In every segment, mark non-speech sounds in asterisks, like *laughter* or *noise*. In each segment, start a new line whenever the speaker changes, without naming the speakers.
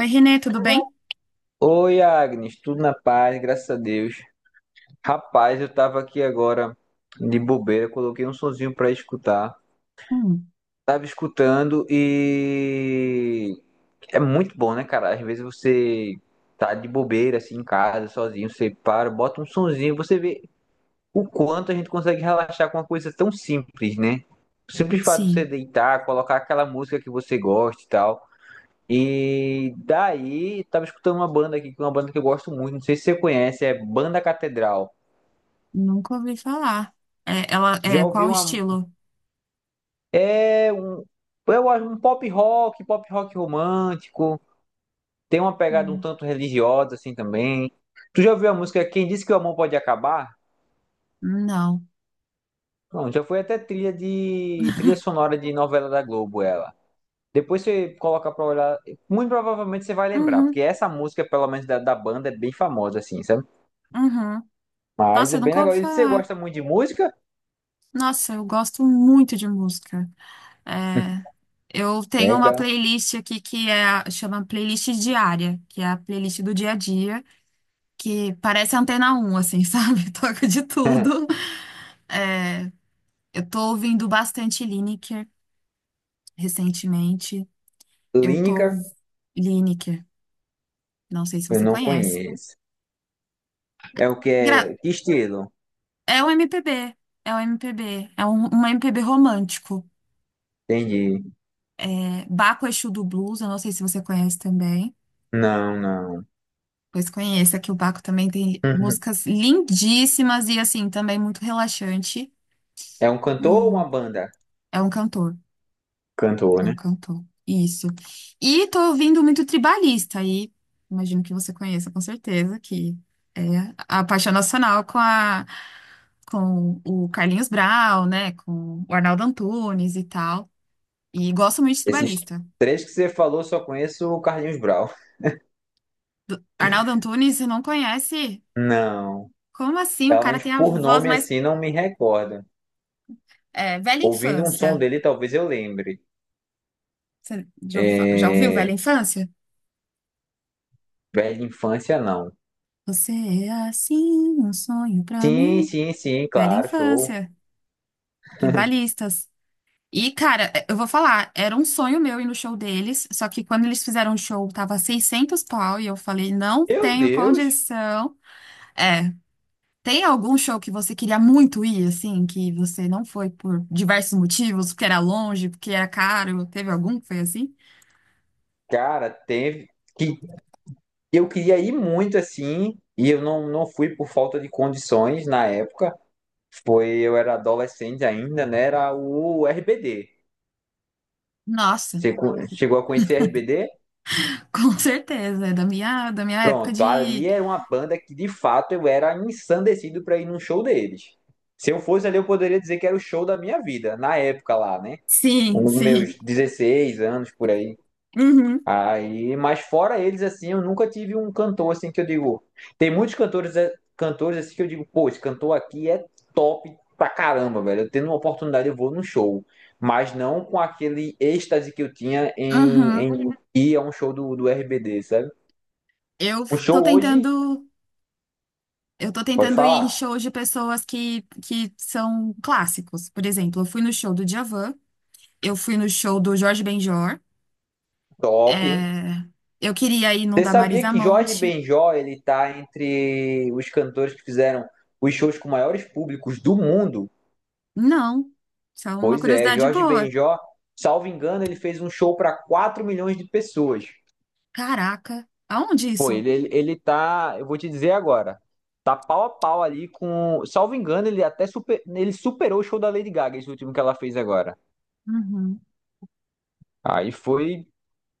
Oi, Renê, tudo bem?
Oi, Agnes, tudo na paz, graças a Deus. Rapaz, eu tava aqui agora de bobeira, coloquei um sonzinho pra escutar.
Hum,
Tava escutando e é muito bom, né, cara? Às vezes você tá de bobeira assim em casa, sozinho, você para, bota um sonzinho, você vê o quanto a gente consegue relaxar com uma coisa tão simples, né? O simples fato de você
sim,
deitar, colocar aquela música que você gosta e tal. E daí, tava escutando uma banda aqui, que é uma banda que eu gosto muito, não sei se você conhece, é Banda Catedral.
nunca ouvi falar.
Já ouvi
Qual o
uma.
estilo?
É um. Eu acho um pop rock romântico. Tem uma pegada um
Hum.
tanto religiosa, assim também. Tu já ouviu a música Quem Disse Que o Amor Pode Acabar?
Não.
Não, já foi até trilha sonora de novela da Globo, ela. Depois você coloca pra olhar. Muito provavelmente você vai lembrar, porque
Uhum,
essa música, pelo menos da banda, é bem famosa, assim, sabe?
uhum.
Mas
Nossa,
é
eu
bem
nunca ouvi
legal. E você
falar.
gosta muito de música?
Nossa, eu gosto muito de música. É, eu tenho uma
Legal.
playlist aqui que chama playlist diária, que é a playlist do dia a dia, que parece Antena um, assim, *laughs* sabe? Toca de tudo.
*laughs*
É, eu tô ouvindo bastante Lineker recentemente. Eu
Lineker,
tô Lineker, não sei se
eu
você
não
conhece.
conheço. É o que
Gra-
é. Que estilo?
É um MPB, é um MPB romântico.
Entendi.
É Baco Exu do Blues, eu não sei se você conhece também.
Não, não.
Pois conheça, que o Baco também tem
*laughs*
músicas lindíssimas e assim, também muito relaxante.
É um cantor ou
Hum,
uma banda?
é um cantor,
Cantor,
é um
né?
cantor. Isso. E tô ouvindo muito tribalista aí. Imagino que você conheça com certeza, que é a paixão nacional com o Carlinhos Brau, né? Com o Arnaldo Antunes e tal. E gosto muito de
Esses
tribalista.
três que você falou, só conheço o Carlinhos Brau.
Arnaldo Antunes, você não conhece?
Não.
Como assim? O
Pelo
cara
menos
tem a
por
voz
nome
mais
assim, não me recordo.
é, velha
Ouvindo um som
infância.
dele, talvez eu lembre.
Você já ouviu, já ouviu
É.
Velha Infância?
Velha infância, não.
Você é assim, um sonho pra
Sim,
mim.
sim, sim,
Velha
claro, show.
Infância, tribalistas. Eu vou falar, era um sonho meu ir no show deles, só que quando eles fizeram o show, tava 600 pau, e eu falei, não
Meu
tenho
Deus!
condição. É, tem algum show que você queria muito ir, assim, que você não foi por diversos motivos, porque era longe, porque era caro? Teve algum que foi assim?
Cara, teve. Que Eu queria ir muito assim, e eu não fui por falta de condições na época. Foi, eu era adolescente ainda, né? Era o RBD.
Nossa,
Você chegou a conhecer RBD?
*laughs* com certeza, é da minha época
Pronto,
de.
ali era uma banda que de fato eu era ensandecido para ir num show deles. Se eu fosse ali, eu poderia dizer que era o show da minha vida, na época lá, né?
Sim,
Com
sim.
meus 16 anos por aí.
Uhum,
Aí, mas fora eles, assim, eu nunca tive um cantor assim que eu digo. Tem muitos cantores, é, cantores assim que eu digo, pô, esse cantor aqui é top pra caramba, velho. Eu tendo uma oportunidade, eu vou num show. Mas não com aquele êxtase que eu tinha em,
uhum.
em ir a um show do RBD, sabe?
Eu
O show
tô
hoje,
tentando, eu tô
pode
tentando ir em
falar,
shows de pessoas que são clássicos. Por exemplo, eu fui no show do Djavan, eu fui no show do Jorge Benjor,
top, hein?
é, eu queria ir num
Você
da
sabia
Marisa
que Jorge
Monte.
Benjó, ele tá entre os cantores que fizeram os shows com maiores públicos do mundo?
Não, só uma
Pois é,
curiosidade
Jorge
boa.
Benjó, salvo engano, ele fez um show para 4 milhões de pessoas.
Caraca, aonde
Pô,
isso?
ele tá, eu vou te dizer agora, tá pau a pau ali com, salvo engano, ele superou o show da Lady Gaga, esse último que ela fez agora.
Uhum.
Aí foi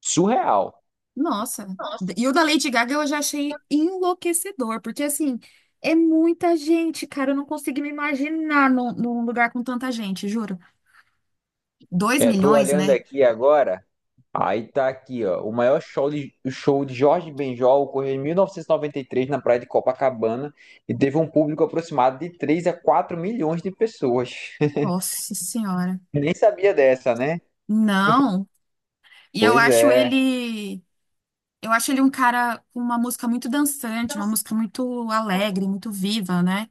surreal.
Nossa, e o da Lady Gaga eu já achei enlouquecedor, porque assim, é muita gente, cara, eu não consigo me imaginar num lugar com tanta gente, juro. Dois
É, tô
milhões,
olhando
né?
aqui agora, aí tá aqui, ó, o maior o show de Jorge Benjó ocorreu em 1993 na praia de Copacabana e teve um público aproximado de 3 a 4 milhões de pessoas. *laughs*
Nossa Senhora.
Nem sabia dessa, né?
Não, e eu
Pois
acho
é,
ele, eu acho ele um cara com uma música muito dançante, uma música muito alegre, muito viva, né?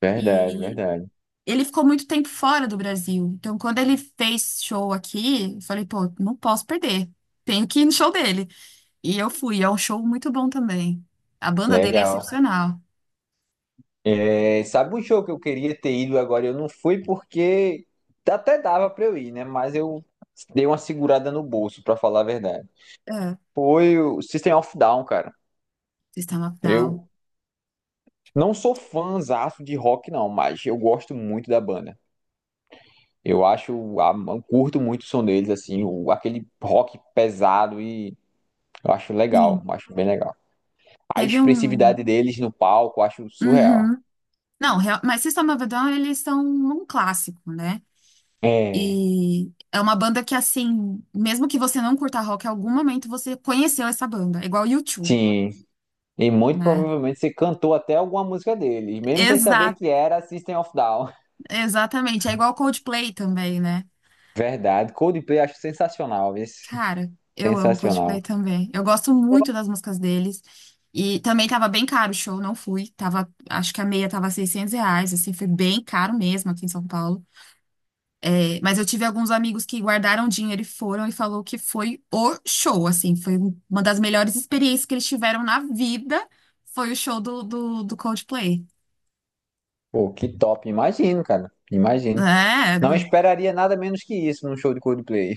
verdade, verdade.
Ele ficou muito tempo fora do Brasil. Então, quando ele fez show aqui, eu falei, pô, não posso perder. Tenho que ir no show dele. E eu fui. É um show muito bom também. A banda dele é
Legal.
excepcional.
É, sabe um show que eu queria ter ido agora? Eu não fui porque até dava pra eu ir, né? Mas eu dei uma segurada no bolso, pra falar a verdade.
É.
Foi o System of Down, cara.
System of Down.
Eu não sou fãzaço de rock, não, mas eu gosto muito da banda. Eu acho, eu curto muito o som deles, assim, aquele rock pesado e eu acho legal,
Sim.
eu acho bem legal. A
Teve um.
expressividade deles no palco, eu acho surreal.
Uhum. Não, mas System of a Down, eles são um clássico, né?
É,
E é uma banda que, assim, mesmo que você não curta rock, em algum momento você conheceu essa banda. É igual U2,
sim. E muito
né?
provavelmente você cantou até alguma música deles, mesmo sem saber
Exato,
que era System of Down.
exatamente. É igual Coldplay também, né?
*laughs* Verdade, Coldplay acho sensacional, esse
Cara, eu amo Coldplay
sensacional.
também. Eu gosto muito das músicas deles. E também tava bem caro o show, não fui. Tava, acho que a meia tava 600 reais, assim, foi bem caro mesmo aqui em São Paulo. É, mas eu tive alguns amigos que guardaram dinheiro e foram e falou que foi o show, assim, foi uma das melhores experiências que eles tiveram na vida, foi o show do Coldplay.
Pô, que top, imagino, cara. Imagino.
É,
Não
do-
esperaria nada menos que isso num show de Coldplay.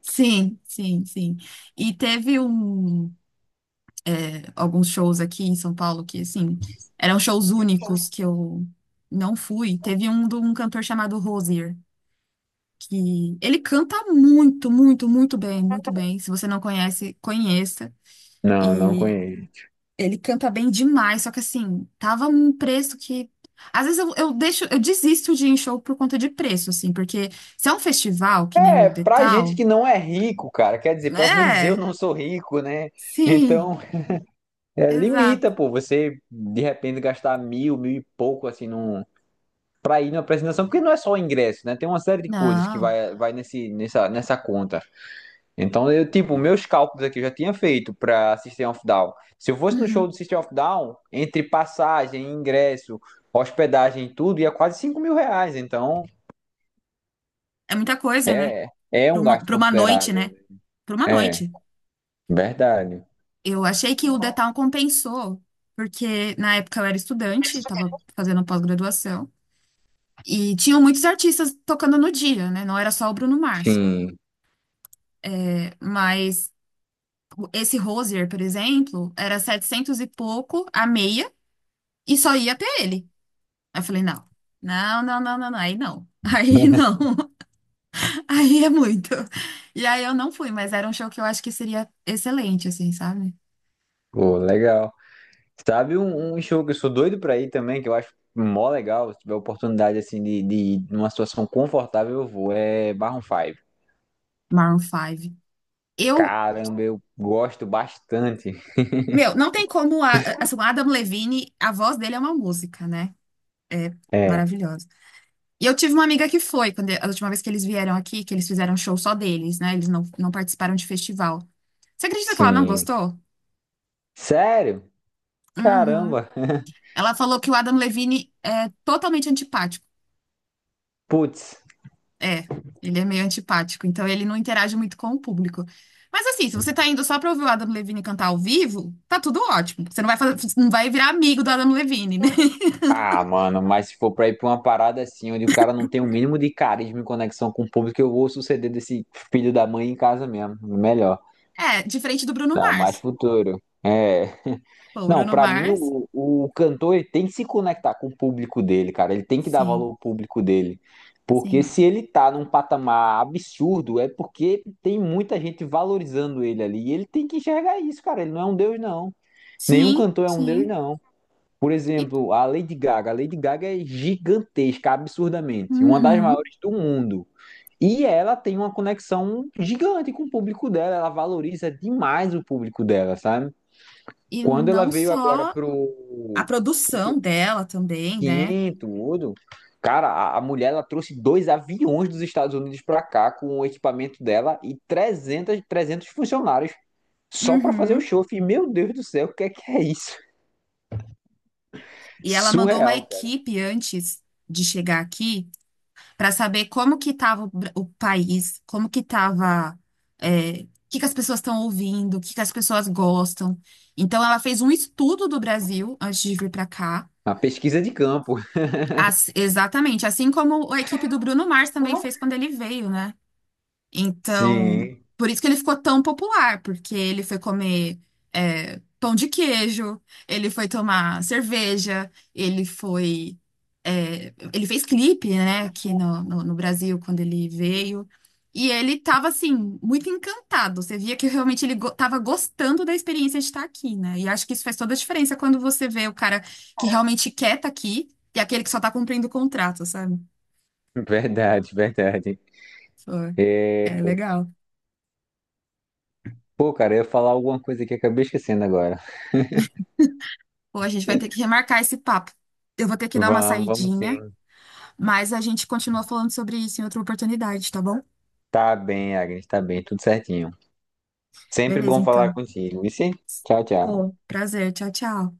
sim, sim, sim. E teve um. Alguns shows aqui em São Paulo que, assim, eram shows únicos que eu não fui. Teve um de um cantor chamado Rosier, que ele canta muito, muito, muito bem, muito bem. Se você não conhece, conheça.
Não, não
E
conheço.
ele canta bem demais, só que assim, tava um preço que às vezes eu deixo, eu desisto de ir em show por conta de preço, assim, porque se é um festival, que nem
É,
o The
pra gente
Tal,
que não é rico, cara, quer dizer, pelo *laughs* menos eu
é,
não sou rico, né?
sim,
Então,
*laughs*
é, limita,
exato.
pô, você de repente gastar mil, mil e pouco, assim, para ir na apresentação, porque não é só o ingresso, né? Tem uma série de coisas que
Não.
vai nesse, nessa conta. Então, eu, tipo, meus cálculos aqui eu já tinha feito para System of Down. Se eu fosse no show
Uhum.
do System of Down, entre passagem, ingresso, hospedagem e tudo, ia quase 5 mil reais. Então,
É muita coisa, né?
é, é um gasto
Para uma noite,
considerável,
né? Para uma
né? É,
noite.
verdade.
Eu achei que o The Town compensou, porque na época eu era estudante, estava fazendo pós-graduação, e tinham muitos artistas tocando no dia, né? Não era só o Bruno Mars.
Sim,
É, mas esse Rosier, por exemplo, era 700 e pouco a meia, e só ia até ele. Aí eu falei, não, aí não. *laughs* Aí não, *laughs* aí é muito. E aí eu não fui, mas era um show que eu acho que seria excelente, assim, sabe?
pô, legal. Sabe um show que eu sou doido pra ir também, que eu acho mó legal, se tiver oportunidade assim de ir numa situação confortável, eu vou, é Maroon 5.
Maroon 5. Eu
Caramba, eu gosto bastante.
Meu, não tem como. O Adam Levine, a voz dele é uma música, né? É
É,
maravilhosa. E eu tive uma amiga que foi, quando, a última vez que eles vieram aqui, que eles fizeram show só deles, né? Eles não participaram de festival. Você acredita que ela não
sim.
gostou?
Sério?
Uhum.
Caramba.
Ela falou que o Adam Levine é totalmente antipático.
Putz.
É, ele é meio antipático, então ele não interage muito com o público. Mas assim, se você tá indo só pra ouvir o Adam Levine cantar ao vivo, tá tudo ótimo. Você não vai fazer, não vai virar amigo do Adam Levine, né? *laughs*
Ah, mano, mas se for pra ir pra uma parada assim, onde o cara não tem o mínimo de carisma e conexão com o público, eu vou suceder desse filho da mãe em casa mesmo. Melhor.
É, diferente do Bruno
Dá mais
Mars.
futuro. É.
Pô, o
Não,
Bruno
pra mim
Mars.
o cantor ele tem que se conectar com o público dele, cara. Ele tem que dar valor
Sim,
ao público dele. Porque
sim.
se ele tá num patamar absurdo, é porque tem muita gente valorizando ele ali. E ele tem que enxergar isso, cara. Ele não é um deus, não. Nenhum
Sim,
cantor é um deus,
sim.
não. Por
E,
exemplo, a Lady Gaga. A Lady Gaga é gigantesca, absurdamente. Uma das
uhum.
maiores do mundo. E ela tem uma conexão gigante com o público dela. Ela valoriza demais o público dela, sabe?
E
Quando ela
não
veio agora
só a
pro.
produção dela também, né?
Sim, tudo. Cara, a mulher ela trouxe dois aviões dos Estados Unidos pra cá com o equipamento dela e 300, 300 funcionários só pra fazer o
Uhum.
show. Eu fiquei, meu Deus do céu, o que é isso?
E ela mandou uma
Surreal, cara.
equipe antes de chegar aqui para saber como que estava o país, como que estava, o que que as pessoas estão ouvindo, o que que as pessoas gostam. Então ela fez um estudo do Brasil antes de vir para cá.
A pesquisa de campo.
Exatamente, assim como a equipe do Bruno Mars também fez quando ele veio, né? Então,
Sim,
por isso que ele ficou tão popular, porque ele foi comer é, pão de queijo, ele foi tomar cerveja, ele foi. É, ele fez clipe, né, aqui no Brasil, quando ele veio. E ele tava, assim, muito encantado. Você via que realmente ele go tava gostando da experiência de estar aqui, né? E acho que isso faz toda a diferença quando você vê o cara que realmente quer estar aqui e aquele que só tá cumprindo o contrato, sabe?
verdade, verdade.
Foi é
É,
legal.
pô, cara, eu ia falar alguma coisa que eu acabei esquecendo agora.
Pô, a gente vai ter que remarcar esse papo. Eu vou ter que dar uma
Vamos, vamos
saidinha,
sim.
mas a gente continua falando sobre isso em outra oportunidade, tá bom?
Tá bem, Agnes, tá bem, tudo certinho. Sempre
Beleza,
bom falar
então.
contigo. E sim, tchau, tchau.
Pô, prazer. Tchau, tchau.